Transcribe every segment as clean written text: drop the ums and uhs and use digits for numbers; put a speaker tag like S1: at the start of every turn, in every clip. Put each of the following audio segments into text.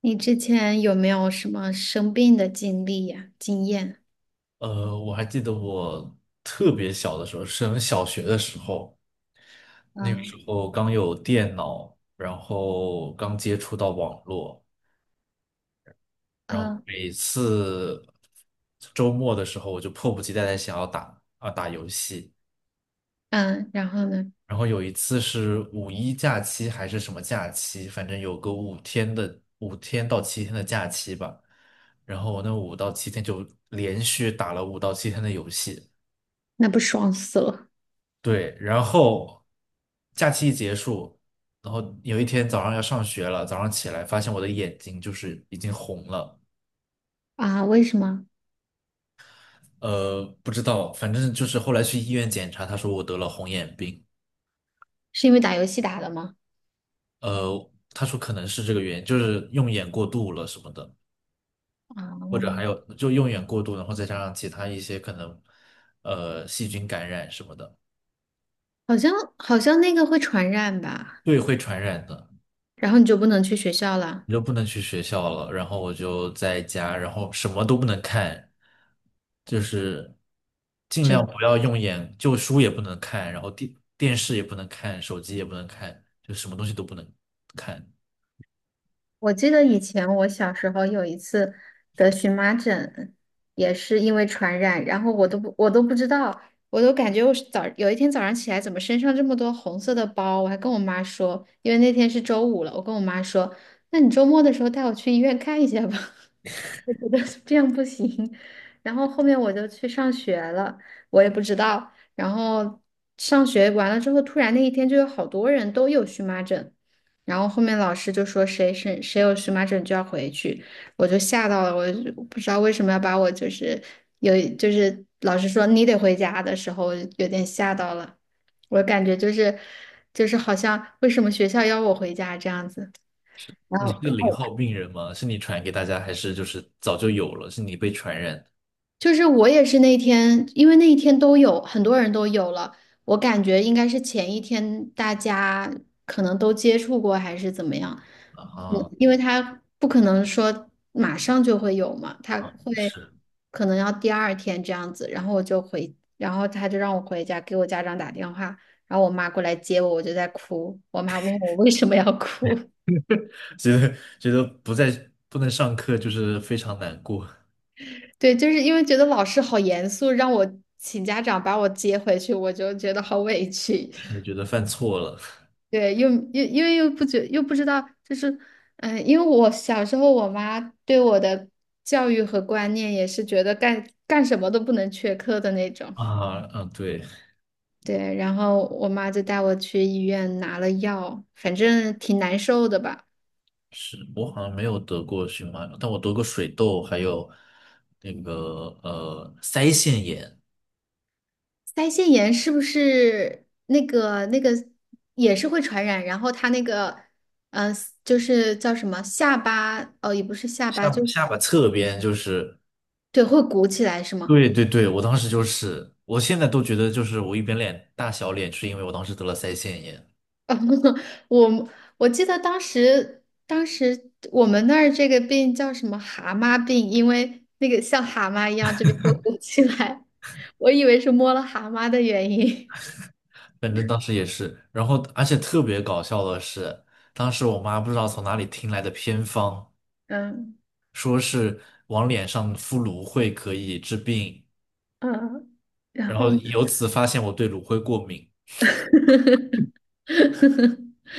S1: 你之前有没有什么生病的经历呀、经验？
S2: 我还记得我特别小的时候，升小学的时候，那个时
S1: 嗯
S2: 候刚有电脑，然后刚接触到网络，然后
S1: 嗯
S2: 每次周末的时候，我就迫不及待的想要打游戏。
S1: 嗯，然后呢？
S2: 然后有一次是五一假期还是什么假期，反正有个5天到7天的假期吧。然后我那五到七天就连续打了五到七天的游戏。
S1: 那不爽死了。
S2: 对，然后假期一结束，然后有一天早上要上学了，早上起来发现我的眼睛就是已经红了。
S1: 啊！为什么？
S2: 不知道，反正就是后来去医院检查，他说我得了红眼病。
S1: 是因为打游戏打的吗？
S2: 他说可能是这个原因，就是用眼过度了什么的，
S1: 啊，
S2: 或者还有就用眼过度，然后再加上其他一些可能细菌感染什么的。
S1: 好像好像那个会传染吧。
S2: 对，会传染的。
S1: 然后你就不能去学校了。
S2: 你就不能去学校了，然后我就在家，然后什么都不能看，就是尽
S1: 只
S2: 量
S1: 能。
S2: 不要用眼，就书也不能看，然后电视也不能看，手机也不能看，就什么东西都不能看。
S1: 我记得以前我小时候有一次得荨麻疹，也是因为传染，然后我都不知道，我都感觉我是早有一天早上起来怎么身上这么多红色的包，我还跟我妈说，因为那天是周五了，我跟我妈说，那你周末的时候带我去医院看一下吧，我觉得这样不行。然后后面我就去上学了，我也不知道，然后上学完了之后，突然那一天就有好多人都有荨麻疹。然后后面老师就说谁有荨麻疹就要回去，我就吓到了，我就不知道为什么要把我就是有就是老师说你得回家的时候，我有点吓到了，我感觉就是好像为什么学校要我回家这样子，然
S2: 你是
S1: 后。
S2: 个0号病人吗？是你传给大家，还是就是早就有了？是你被传染的
S1: 就是我也是那天，因为那一天都有很多人都有了，我感觉应该是前一天大家可能都接触过还是怎么样，嗯，
S2: 啊？
S1: 因为他不可能说马上就会有嘛，他会
S2: 是，
S1: 可能要第二天这样子，然后我就回，然后他就让我回家给我家长打电话，然后我妈过来接我，我就在哭，我妈问我为什么要哭。
S2: 觉得不能上课就是非常难过。
S1: 对，就是因为觉得老师好严肃，让我请家长把我接回去，我就觉得好委屈。
S2: 觉得犯错了
S1: 对，又因为又不知道，就是，嗯、因为我小时候我妈对我的教育和观念也是觉得干什么都不能缺课的那 种。
S2: 啊，嗯，对。
S1: 对，然后我妈就带我去医院拿了药，反正挺难受的吧。
S2: 是我好像没有得过荨麻疹，但我得过水痘，还有那个腮腺炎，
S1: 腮腺炎是不是那个也是会传染？然后它那个，嗯、就是叫什么下巴，哦，也不是下巴，
S2: 下巴
S1: 就
S2: 下巴侧边就是。
S1: 对，会鼓起来是吗？
S2: 对对对，我当时就是，我现在都觉得就是我一边脸大小脸，是因为我当时得了腮腺炎，
S1: 我我记得当时，当时我们那儿这个病叫什么蛤蟆病，因为那个像蛤蟆一样这边会鼓起来，我以为是摸了蛤蟆的原因。
S2: 反正当时也是。然后而且特别搞笑的是，当时我妈不知道从哪里听来的偏方，
S1: 嗯
S2: 说是往脸上敷芦荟可以治病，
S1: 嗯，然
S2: 然
S1: 后
S2: 后
S1: 呢？
S2: 由此发现我对芦荟过敏。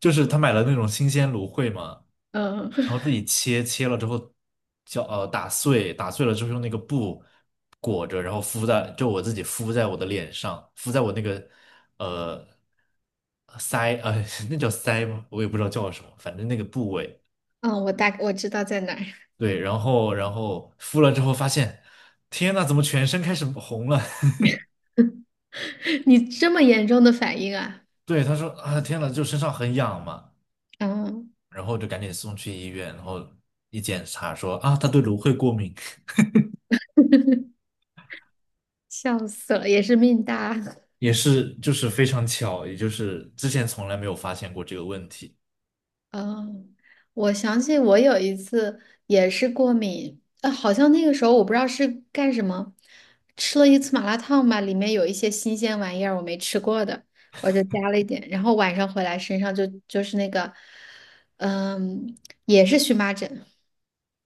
S2: 就是他买了那种新鲜芦荟嘛，
S1: 嗯，
S2: 然后自己切了之后打碎，打碎了之后用那个布裹着，然后就我自己敷在我的脸上，敷在我那个呃腮那叫腮吗？我也不知道叫什么，反正那个部位。
S1: 嗯，我知道在哪儿。
S2: 对，然后敷了之后发现，天呐，怎么全身开始红了？
S1: 你这么严重的反应啊？
S2: 对，他说啊，天呐，就身上很痒嘛，
S1: 嗯，
S2: 然后就赶紧送去医院，然后一检查说啊，他对芦荟过敏。
S1: 笑死了，也是命大。
S2: 也是就是非常巧，也就是之前从来没有发现过这个问题。
S1: 哦，我想起我有一次也是过敏，啊，好像那个时候我不知道是干什么，吃了一次麻辣烫吧，里面有一些新鲜玩意儿我没吃过的，我就加了一点，然后晚上回来身上就是那个，嗯，也是荨麻疹。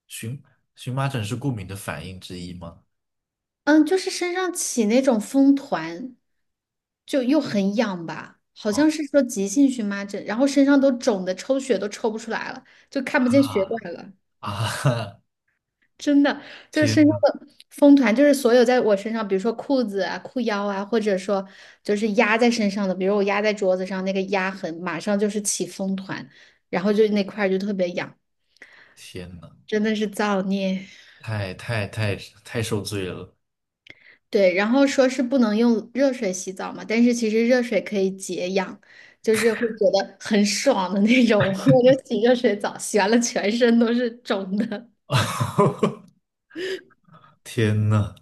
S2: 荨荨麻疹是过敏的反应之一吗？
S1: 嗯，就是身上起那种风团，就又很痒吧，好像是
S2: 啊
S1: 说急性荨麻疹，然后身上都肿的抽血都抽不出来了，就看不见血
S2: 啊
S1: 管了。
S2: 啊！
S1: 真的 就
S2: 天
S1: 是那
S2: 呐
S1: 个风团，就是所有在我身上，比如说裤子啊、裤腰啊，或者说就是压在身上的，比如我压在桌子上那个压痕，马上就是起风团，然后就那块儿就特别痒，
S2: 天呐，
S1: 真的是造孽。
S2: 太太太太受罪了！
S1: 对，然后说是不能用热水洗澡嘛，但是其实热水可以解痒，就是会觉得很爽的那种。我就洗热水澡，洗完了全身都是肿的，
S2: 天呐，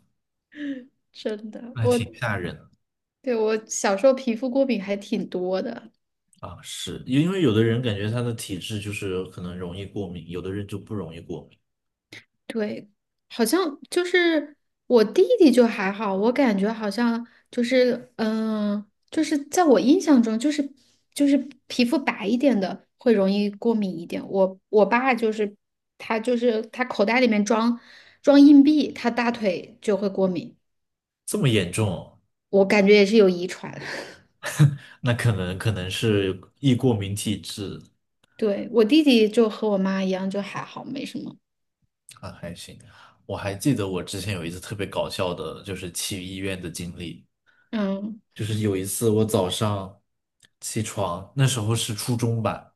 S1: 真的。
S2: 那
S1: 我
S2: 挺吓人的
S1: 对我小时候皮肤过敏还挺多的。
S2: 啊！是因为有的人感觉他的体质就是可能容易过敏，有的人就不容易过敏，
S1: 对，好像就是我弟弟就还好，我感觉好像就是嗯、就是在我印象中，就是就是皮肤白一点的会容易过敏一点。我爸就是他就是他口袋里面装硬币，他大腿就会过敏，
S2: 这么严重哦
S1: 我感觉也是有遗传。
S2: 那可能是易过敏体质。
S1: 对，我弟弟就和我妈一样，就还好，没什么。
S2: 啊，还行。我还记得我之前有一次特别搞笑的，就是去医院的经历。
S1: 嗯
S2: 就是有一次我早上起床，那时候是初中吧，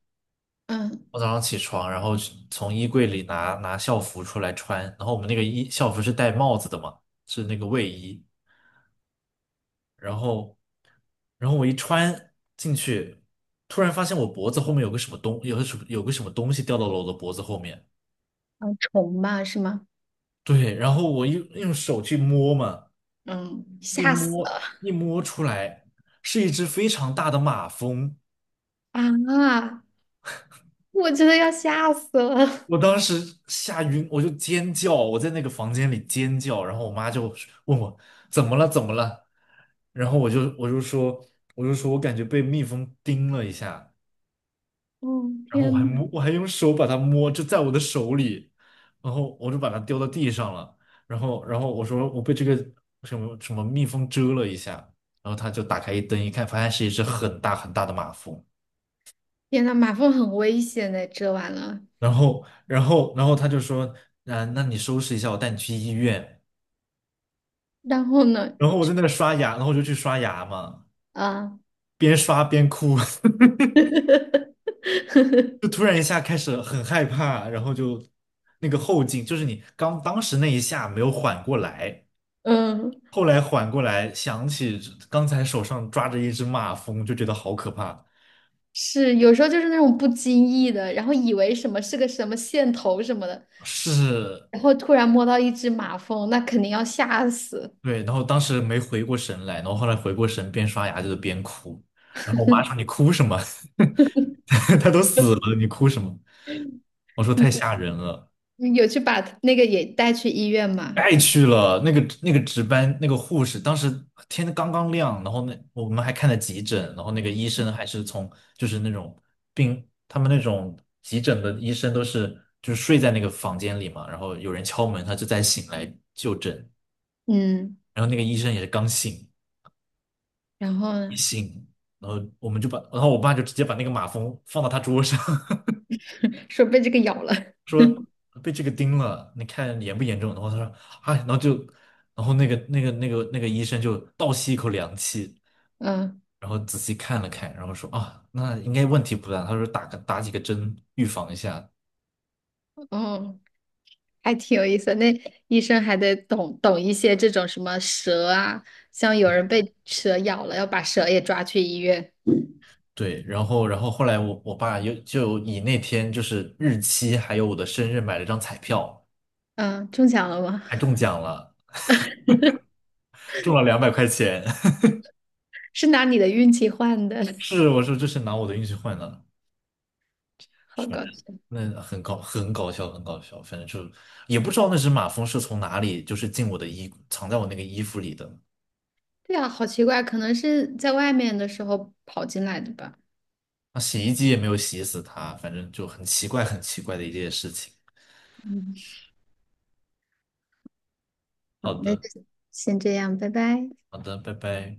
S1: 嗯
S2: 我早上起床，然后去从衣柜里拿校服出来穿，然后我们那个校服是戴帽子的嘛，是那个卫衣，然后然后我一穿进去，突然发现我脖子后面有个什么东西掉到了我的脖子后面。
S1: 嗯，虫吧是吗？
S2: 对，然后我用手去摸嘛，
S1: 嗯，
S2: 一
S1: 吓死
S2: 摸
S1: 了。
S2: 一摸出来是一只非常大的马蜂，
S1: 啊！我真的要吓死了。
S2: 我当时吓晕，我就尖叫，我在那个房间里尖叫，然后我妈就问我怎么了怎么了，然后我就说我感觉被蜜蜂叮了一下，
S1: 哦，
S2: 然后
S1: 天呐。
S2: 我还用手把它摸，就在我的手里，然后我就把它丢到地上了，然后我说我被这个什么什么蜜蜂蛰了一下，然后他就打开一灯一看，发现是一只很大很大的马蜂。
S1: 天呐，马蜂很危险的，蛰完了。
S2: 然后他就说，啊，那你收拾一下，我带你去医院。
S1: 然后呢，
S2: 然后我在那刷牙，然后我就去刷牙嘛，
S1: 啊。
S2: 边刷边哭。就突然一下开始很害怕，然后就那个后劲，就是你刚当时那一下没有缓过来，
S1: 嗯，
S2: 后来缓过来，想起刚才手上抓着一只马蜂，就觉得好可怕，
S1: 是有时候就是那种不经意的，然后以为什么是个什么线头什么的，
S2: 是
S1: 然后突然摸到一只马蜂，那肯定要吓死。
S2: 对，然后当时没回过神来，然后后来回过神，边刷牙就是边哭。然后我妈说："你哭什么？他都死了，你哭什么？"我说："太吓人了，
S1: 嗯，有去把那个也带去医院嘛？
S2: 爱去了。那个值班那个护士，当时天刚刚亮，然后那我们还看了急诊，然后那个医生还是从就是那种病，他们那种急诊的医生都是就是睡在那个房间里嘛，然后有人敲门，他就再醒来就诊，
S1: 嗯，
S2: 然后那个医生也是刚醒。"
S1: 然后
S2: 一
S1: 呢？
S2: 醒，然后我们就把，然后我爸就直接把那个马蜂放到他桌上。
S1: 说被这个咬了。
S2: 被这个叮了，你看严不严重？然后他说，啊，然后就，然后那个医生就倒吸一口凉气，
S1: 嗯，
S2: 然后仔细看了看，然后说啊，那应该问题不大。他说打几个针预防一下。
S1: 哦。还挺有意思的，那医生还得懂一些这种什么蛇啊，像有人被蛇咬了，要把蛇也抓去医院。
S2: 对，然后后来我爸又就以那天就是日期还有我的生日买了张彩票，
S1: 嗯，中奖了吗？
S2: 还中 奖了，中了200块钱。
S1: 是拿你的运气换的。
S2: 是，我说这是拿我的运气换的。
S1: 好搞笑。
S2: 那很搞笑，很搞笑。反正就也不知道那只马蜂是从哪里，就是进我的衣，藏在我那个衣服里的。
S1: 对啊，好奇怪，可能是在外面的时候跑进来的吧。
S2: 那洗衣机也没有洗死它，反正就很奇怪，很奇怪的一件事情。
S1: 嗯，好，
S2: 好
S1: 那
S2: 的，
S1: 就先这样，拜拜。
S2: 好的，拜拜。